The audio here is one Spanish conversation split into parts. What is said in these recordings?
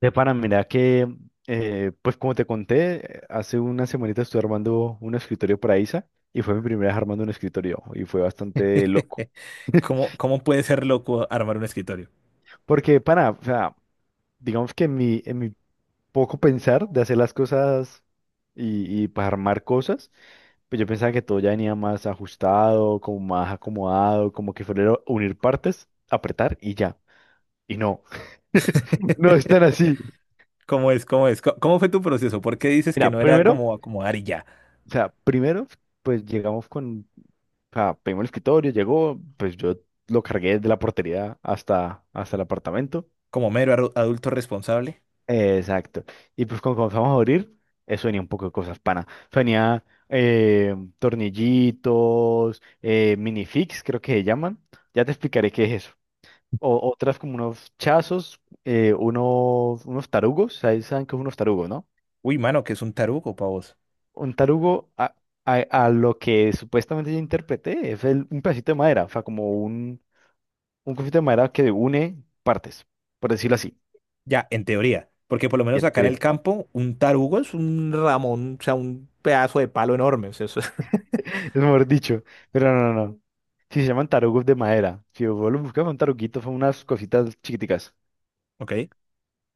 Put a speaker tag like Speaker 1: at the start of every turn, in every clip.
Speaker 1: De pana, mira que, pues como te conté, hace una semanita estuve armando un escritorio para Isa y fue mi primera vez armando un escritorio y fue bastante loco.
Speaker 2: ¿Cómo, cómo puede ser loco armar un escritorio?
Speaker 1: Porque, pana, o sea, digamos que en mi poco pensar de hacer las cosas y pues armar cosas, pues yo pensaba que todo ya venía más ajustado, como más acomodado, como que fuera unir partes, apretar y ya. Y no, no es tan así.
Speaker 2: ¿Cómo es? ¿Cómo es? ¿Cómo fue tu proceso? ¿Por qué dices que
Speaker 1: Mira,
Speaker 2: no era
Speaker 1: primero,
Speaker 2: como acomodar y ya?
Speaker 1: o sea, primero, pues llegamos con. O sea, pedimos el escritorio, llegó, pues yo lo cargué desde la portería hasta el apartamento.
Speaker 2: Como mero adulto responsable.
Speaker 1: Exacto. Y pues cuando comenzamos a abrir, eso venía un poco de cosas, pana. Eso venía, eh, tornillitos, minifix, creo que se llaman. Ya te explicaré qué es eso. Otras como unos chazos, unos tarugos, ¿sabes? ¿Saben qué es unos tarugos, no?
Speaker 2: Uy, mano, ¿que es un tarugo para vos?
Speaker 1: Un tarugo a lo que supuestamente yo interpreté es un pedacito de madera, o sea, como un. Un conflicto de madera que une partes, por decirlo así.
Speaker 2: Ya, en teoría. Porque por lo menos
Speaker 1: En
Speaker 2: acá en el
Speaker 1: teoría,
Speaker 2: campo, un tarugo es un ramón, o sea, un pedazo de palo enorme. O sea,
Speaker 1: es mejor dicho. Pero no, no, no. Sí se llaman tarugos de madera. Si vos lo buscas, un taruguito, son unas cositas chiquiticas.
Speaker 2: Ok,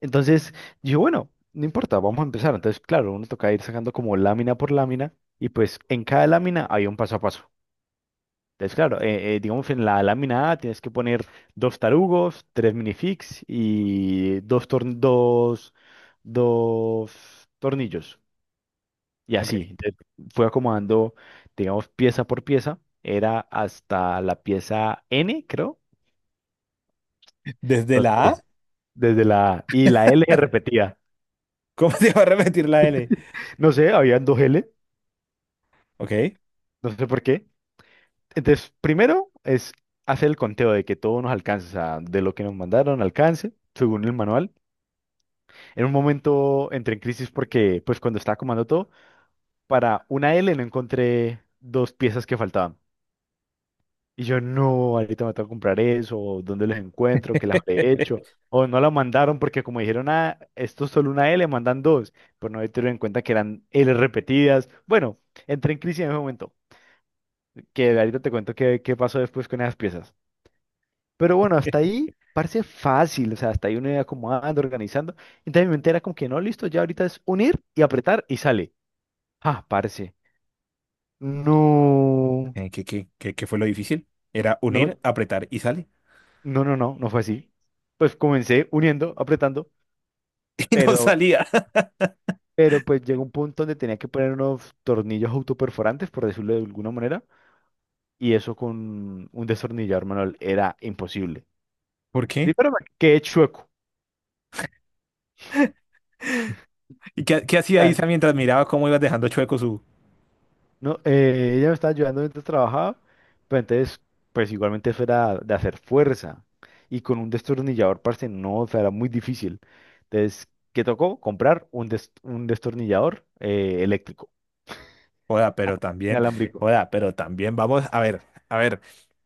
Speaker 1: Entonces, yo, bueno, no importa, vamos a empezar. Entonces, claro, uno toca ir sacando como lámina por lámina. Y pues en cada lámina hay un paso a paso. Entonces, claro, digamos en la lámina A tienes que poner dos tarugos, tres minifigs y dos tornillos. Y así,
Speaker 2: ok.
Speaker 1: entonces, fui acomodando, digamos, pieza por pieza, era hasta la pieza N, creo.
Speaker 2: ¿Desde la A?
Speaker 1: Entonces, desde la y la L se repetía.
Speaker 2: ¿Cómo se va a repetir la L?
Speaker 1: No sé, habían dos L,
Speaker 2: Ok.
Speaker 1: no sé por qué. Entonces, primero es hacer el conteo de que todo nos alcance, o sea, de lo que nos mandaron alcance, según el manual. En un momento entré en crisis porque, pues, cuando estaba acomodando todo, para una L no encontré dos piezas que faltaban. Y yo, no, ahorita me tengo que comprar eso, o dónde los encuentro, qué las habré hecho, o no la mandaron porque como dijeron, ah, esto es solo una L, mandan dos, pero no tenido en cuenta que eran L repetidas. Bueno, entré en crisis en ese momento, que ahorita te cuento qué pasó después con esas piezas. Pero bueno, hasta ahí parece fácil, o sea, hasta ahí uno iba acomodando, organizando, entonces mi mente era como que no, listo, ya ahorita es unir y apretar y sale. Ah, parce, no,
Speaker 2: ¿Qué fue lo difícil? Era
Speaker 1: no,
Speaker 2: unir, apretar y sale.
Speaker 1: no fue así. Pues comencé uniendo, apretando.
Speaker 2: Y no
Speaker 1: Pero,
Speaker 2: salía.
Speaker 1: pero pues llegó un punto donde tenía que poner unos tornillos autoperforantes, por decirlo de alguna manera, y eso con un destornillador manual era imposible.
Speaker 2: ¿Por
Speaker 1: Sí,
Speaker 2: qué?
Speaker 1: pero me quedé chueco.
Speaker 2: Y qué hacía
Speaker 1: Claro.
Speaker 2: Isa mientras miraba cómo ibas dejando chueco su...
Speaker 1: No, ella me estaba ayudando mientras trabajaba, pero entonces, pues igualmente eso era de hacer fuerza. Y con un destornillador, parce, no, o sea, era muy difícil. Entonces, ¿qué tocó? Comprar un destornillador eléctrico,
Speaker 2: Joda,
Speaker 1: ah,
Speaker 2: pero también,
Speaker 1: inalámbrico.
Speaker 2: joda, pero también vamos a ver,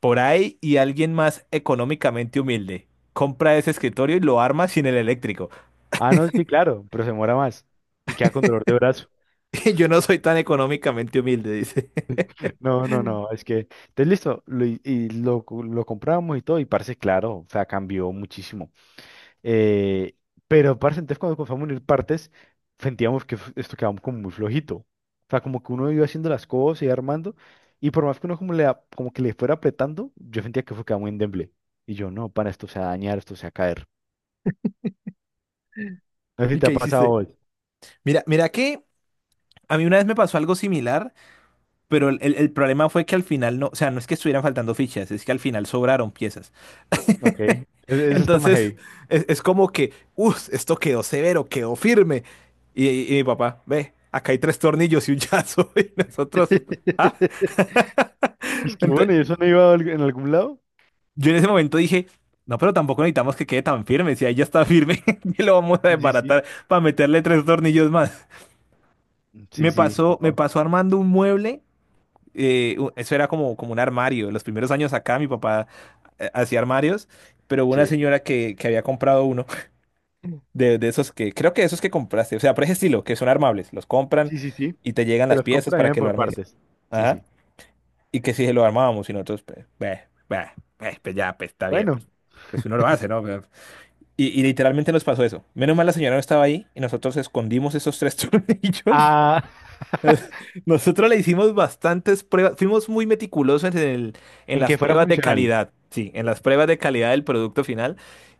Speaker 2: por ahí y alguien más económicamente humilde compra ese escritorio y lo arma sin el eléctrico.
Speaker 1: Ah, no, sí, claro, pero se muera más y queda con dolor de brazo.
Speaker 2: Yo no soy tan económicamente humilde, dice.
Speaker 1: No, no, no, es que, entonces listo, lo compramos y todo, y parce, claro, o sea, cambió muchísimo. Eh, pero parce, entonces cuando comenzamos a unir partes, sentíamos que esto quedaba como muy flojito. O sea, como que uno iba haciendo las cosas y armando, y por más que uno como, como que le fuera apretando, yo sentía que fue quedaba muy endeble. Y yo, no, para esto se va a dañar, esto se va a caer. No sé si
Speaker 2: ¿Y
Speaker 1: te ha
Speaker 2: qué
Speaker 1: pasado
Speaker 2: hiciste?
Speaker 1: hoy.
Speaker 2: Mira, mira que a mí una vez me pasó algo similar. Pero el problema fue que al final no, o sea, no es que estuvieran faltando fichas, es que al final sobraron piezas.
Speaker 1: Ok, eso está más
Speaker 2: Entonces,
Speaker 1: heavy.
Speaker 2: es como que, uff, esto quedó severo, quedó firme. Y mi papá, ve, acá hay tres tornillos y un llazo. Y nosotros, ah,
Speaker 1: Y es que
Speaker 2: Ente-
Speaker 1: bueno, ¿y eso no iba a en algún lado?
Speaker 2: yo en ese momento dije, no, pero tampoco necesitamos que quede tan firme. Si ahí ya está firme, que lo vamos a
Speaker 1: Sí, sí.
Speaker 2: desbaratar para meterle tres tornillos más.
Speaker 1: Sí, sí, sí,
Speaker 2: Me
Speaker 1: no.
Speaker 2: pasó armando un mueble eso era como, como un armario. Los primeros años acá mi papá hacía armarios, pero hubo una
Speaker 1: Sí.
Speaker 2: señora que había comprado uno de esos que, creo que esos que compraste, o sea, por ese estilo, que son armables, los compran
Speaker 1: Sí, sí, sí.
Speaker 2: y te llegan
Speaker 1: Que
Speaker 2: las
Speaker 1: los
Speaker 2: piezas
Speaker 1: compran
Speaker 2: para
Speaker 1: bien
Speaker 2: que lo
Speaker 1: por
Speaker 2: armes.
Speaker 1: partes. Sí,
Speaker 2: Ajá.
Speaker 1: sí.
Speaker 2: Y que si se lo armábamos y nosotros, pues, beh, beh, beh, pues ya, pues está bien,
Speaker 1: Bueno,
Speaker 2: pues, pues uno lo hace, ¿no? Pero, y literalmente nos pasó eso. Menos mal la señora no estaba ahí y nosotros escondimos esos tres tornillos.
Speaker 1: ah,
Speaker 2: Nosotros le hicimos bastantes pruebas, fuimos muy meticulosos en el, en
Speaker 1: en que
Speaker 2: las
Speaker 1: fuera
Speaker 2: pruebas de
Speaker 1: funcional.
Speaker 2: calidad, sí, en las pruebas de calidad del producto final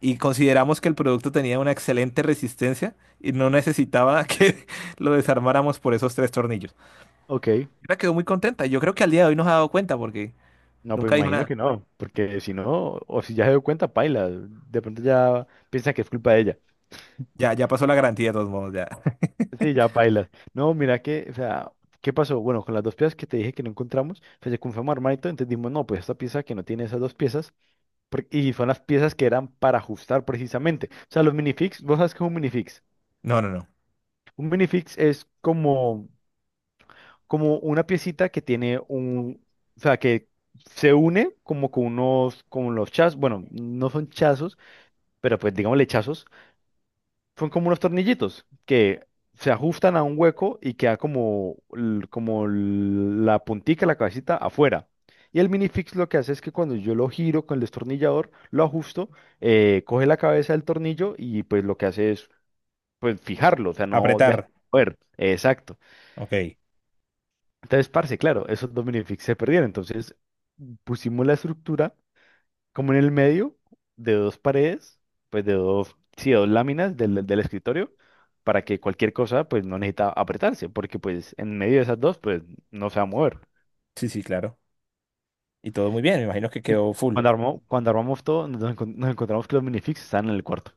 Speaker 2: y consideramos que el producto tenía una excelente resistencia y no necesitaba que lo desarmáramos por esos tres tornillos.
Speaker 1: Ok.
Speaker 2: Ella quedó muy contenta, yo creo que al día de hoy nos ha dado cuenta porque
Speaker 1: No, pues
Speaker 2: nunca dijo
Speaker 1: imagino
Speaker 2: nada.
Speaker 1: que no, porque si no, o si ya se dio cuenta, paila. De pronto ya piensa que es culpa de ella.
Speaker 2: Ya, ya pasó la garantía de todos modos, ya.
Speaker 1: Sí, ya paila. No, mira que, o sea, ¿qué pasó? Bueno, con las dos piezas que te dije que no encontramos, pues se confirmó armadito, entonces dijimos, no, pues esta pieza que no tiene esas dos piezas, y son las piezas que eran para ajustar precisamente. O sea, los minifix, vos sabes que es un minifix.
Speaker 2: No, no, no.
Speaker 1: Un minifix es como como una piecita que tiene un, o sea, que se une como con unos, con los chazos, bueno, no son chazos, pero pues digámosle chazos, son como unos tornillitos que se ajustan a un hueco y queda como, como la puntica, la cabecita afuera. Y el minifix lo que hace es que cuando yo lo giro con el destornillador, lo ajusto, coge la cabeza del tornillo y pues lo que hace es pues fijarlo, o sea, no
Speaker 2: Apretar.
Speaker 1: deja de mover. Exacto.
Speaker 2: Ok.
Speaker 1: Entonces, parce, claro, esos Dominifix se perdieron. Entonces, pusimos la estructura como en el medio de dos paredes, pues de dos, sí, de dos láminas del escritorio, para que cualquier cosa, pues no necesita apretarse, porque pues en medio de esas dos, pues no se va a mover.
Speaker 2: Sí, sí, claro. Y todo muy bien, me imagino que
Speaker 1: Y
Speaker 2: quedó full.
Speaker 1: cuando armó, cuando armamos todo, nos encontramos que los minifix están en el cuarto.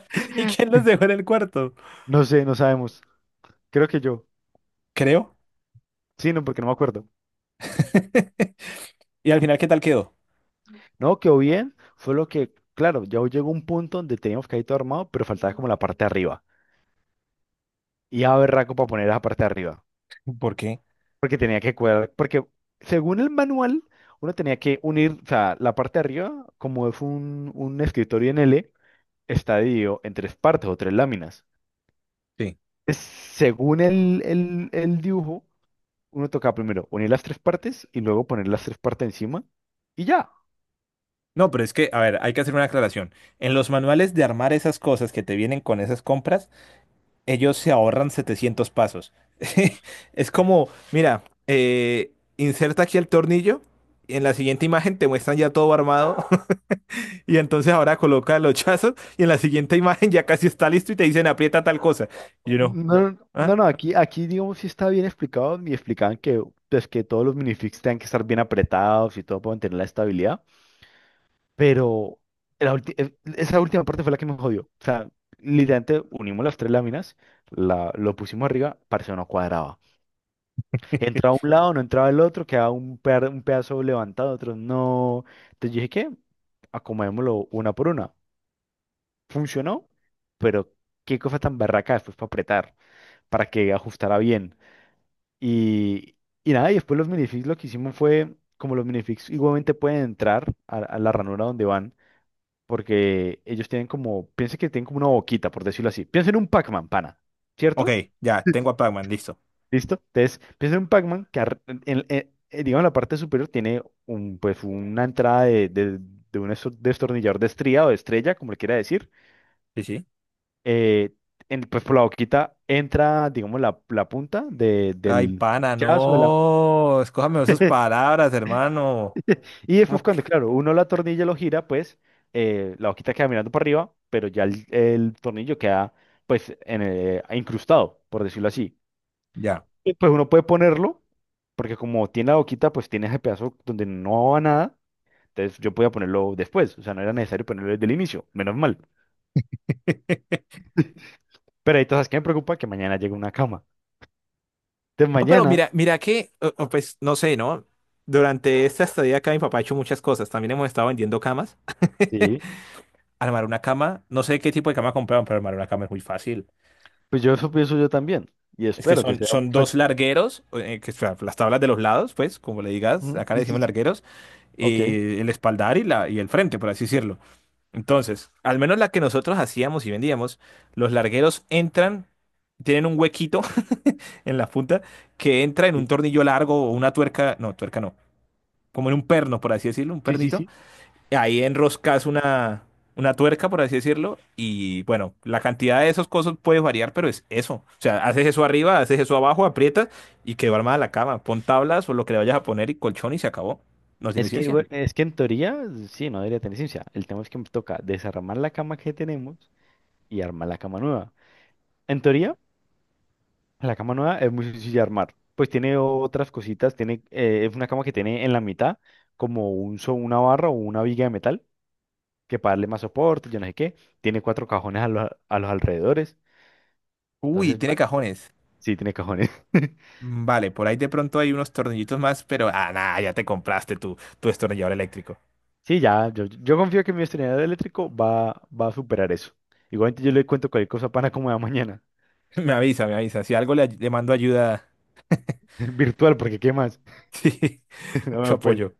Speaker 2: ¿Y quién los dejó en el cuarto?
Speaker 1: No sé, no sabemos. Creo que yo.
Speaker 2: Creo.
Speaker 1: Sí, no, porque no me acuerdo.
Speaker 2: ¿Y al final qué tal quedó?
Speaker 1: No, quedó bien. Fue lo que, claro, ya llegó un punto donde teníamos que ir todo armado, pero faltaba como la parte de arriba. Y a berraco para poner esa parte de arriba.
Speaker 2: ¿Por qué?
Speaker 1: Porque tenía que cuadrar, porque según el manual, uno tenía que unir, o sea, la parte de arriba, como es un escritorio en L, está dividido en tres partes o tres láminas.
Speaker 2: Sí.
Speaker 1: Según el dibujo, uno toca primero unir las tres partes y luego poner las tres partes encima y ya.
Speaker 2: No, pero es que, a ver, hay que hacer una aclaración. En los manuales de armar esas cosas que te vienen con esas compras, ellos se ahorran 700 pasos. Es como, mira, inserta aquí el tornillo, y en la siguiente imagen te muestran ya todo armado, y entonces ahora coloca los chazos, y en la siguiente imagen ya casi está listo y te dicen aprieta tal cosa. Y uno,
Speaker 1: No,
Speaker 2: ¿ah?
Speaker 1: no, no, aquí digamos sí está bien explicado, me explicaban que, pues, que todos los minifigs tengan que estar bien apretados y todo para mantener la estabilidad. Pero esa última parte fue la que me jodió. O sea, literalmente unimos las tres láminas, lo pusimos arriba, parce, no cuadraba. Entraba un lado, no entraba el otro, quedaba un pedazo levantado, otro no. Entonces dije, ¿qué? Acomodémoslo una por una. Funcionó, pero qué cosa tan barraca después para apretar, para que ajustara bien. Y, y nada, y después los minifix lo que hicimos fue, como los minifix igualmente pueden entrar a la ranura donde van. Porque ellos tienen como, piensen que tienen como una boquita, por decirlo así. Piensen en un Pac-Man, pana,
Speaker 2: Ok,
Speaker 1: ¿cierto?
Speaker 2: ya, tengo a Pac-Man, listo.
Speaker 1: ¿Listo? Entonces, piensen en un Pac-Man que, en, digamos, en la parte superior tiene un, pues, una entrada de un destornillador de estría o de estrella, como le quiera decir.
Speaker 2: Sí, sí.
Speaker 1: Eh, pues por la boquita entra, digamos, la punta
Speaker 2: Ay,
Speaker 1: del
Speaker 2: pana,
Speaker 1: chazo de la...
Speaker 2: no. Escójame sus palabras, hermano.
Speaker 1: Y después
Speaker 2: ¿Cómo que?
Speaker 1: cuando, claro, uno la tornilla lo gira, pues la boquita queda mirando para arriba, pero ya el tornillo queda pues en incrustado, por decirlo así.
Speaker 2: Ya.
Speaker 1: Sí. Pues uno puede ponerlo, porque como tiene la boquita, pues tiene ese pedazo donde no va nada, entonces yo podía ponerlo después, o sea, no era necesario ponerlo desde el inicio, menos mal. Pero ahí entonces, ¿qué me preocupa? Que mañana llegue una cama. Entonces
Speaker 2: No, pero
Speaker 1: mañana,
Speaker 2: mira, mira que, o pues no sé, ¿no? Durante esta estadía acá mi papá ha hecho muchas cosas. También hemos estado vendiendo camas.
Speaker 1: sí,
Speaker 2: Armar una cama, no sé qué tipo de cama compraron, pero armar una cama es muy fácil.
Speaker 1: pues yo eso pienso yo también, y
Speaker 2: Es que
Speaker 1: espero que
Speaker 2: son,
Speaker 1: sea... un.
Speaker 2: son dos largueros, que, o sea, las tablas de los lados, pues, como le digas,
Speaker 1: Ujú,
Speaker 2: acá le
Speaker 1: sí, sí,
Speaker 2: decimos
Speaker 1: sí.
Speaker 2: largueros,
Speaker 1: Ok.
Speaker 2: y el espaldar y, la, y el frente, por así decirlo. Entonces, al menos la que nosotros hacíamos y vendíamos, los largueros entran, tienen un huequito en la punta que entra en un
Speaker 1: Sí,
Speaker 2: tornillo largo o una tuerca no, como en un perno, por así decirlo, un
Speaker 1: sí,
Speaker 2: pernito.
Speaker 1: sí.
Speaker 2: Ahí enroscas una tuerca, por así decirlo, y bueno, la cantidad de esos cosas puede variar, pero es eso. O sea, haces eso arriba, haces eso abajo, aprietas y quedó armada la cama. Pon tablas o lo que le vayas a poner y colchón y se acabó. No tiene
Speaker 1: Es que,
Speaker 2: ciencia.
Speaker 1: es que en teoría, sí, no debería tener ciencia. El tema es que me toca desarmar la cama que tenemos y armar la cama nueva. En teoría, la cama nueva es muy sencilla de armar. Pues tiene otras cositas, tiene, es una cama que tiene en la mitad como una barra o una viga de metal que para darle más soporte, yo no sé qué. Tiene cuatro cajones a los alrededores.
Speaker 2: Uy,
Speaker 1: Entonces,
Speaker 2: tiene cajones.
Speaker 1: sí, tiene cajones.
Speaker 2: Mm, vale, por ahí de pronto hay unos tornillitos más, pero ah, nada, ya te compraste tu, tu destornillador eléctrico.
Speaker 1: Sí, ya, yo confío que mi estrenador eléctrico va a superar eso. Igualmente yo le cuento cualquier cosa para como de mañana.
Speaker 2: Me avisa, me avisa. Si algo le mando ayuda,
Speaker 1: Virtual, porque ¿qué más?
Speaker 2: sí, mucho
Speaker 1: No, pues
Speaker 2: apoyo.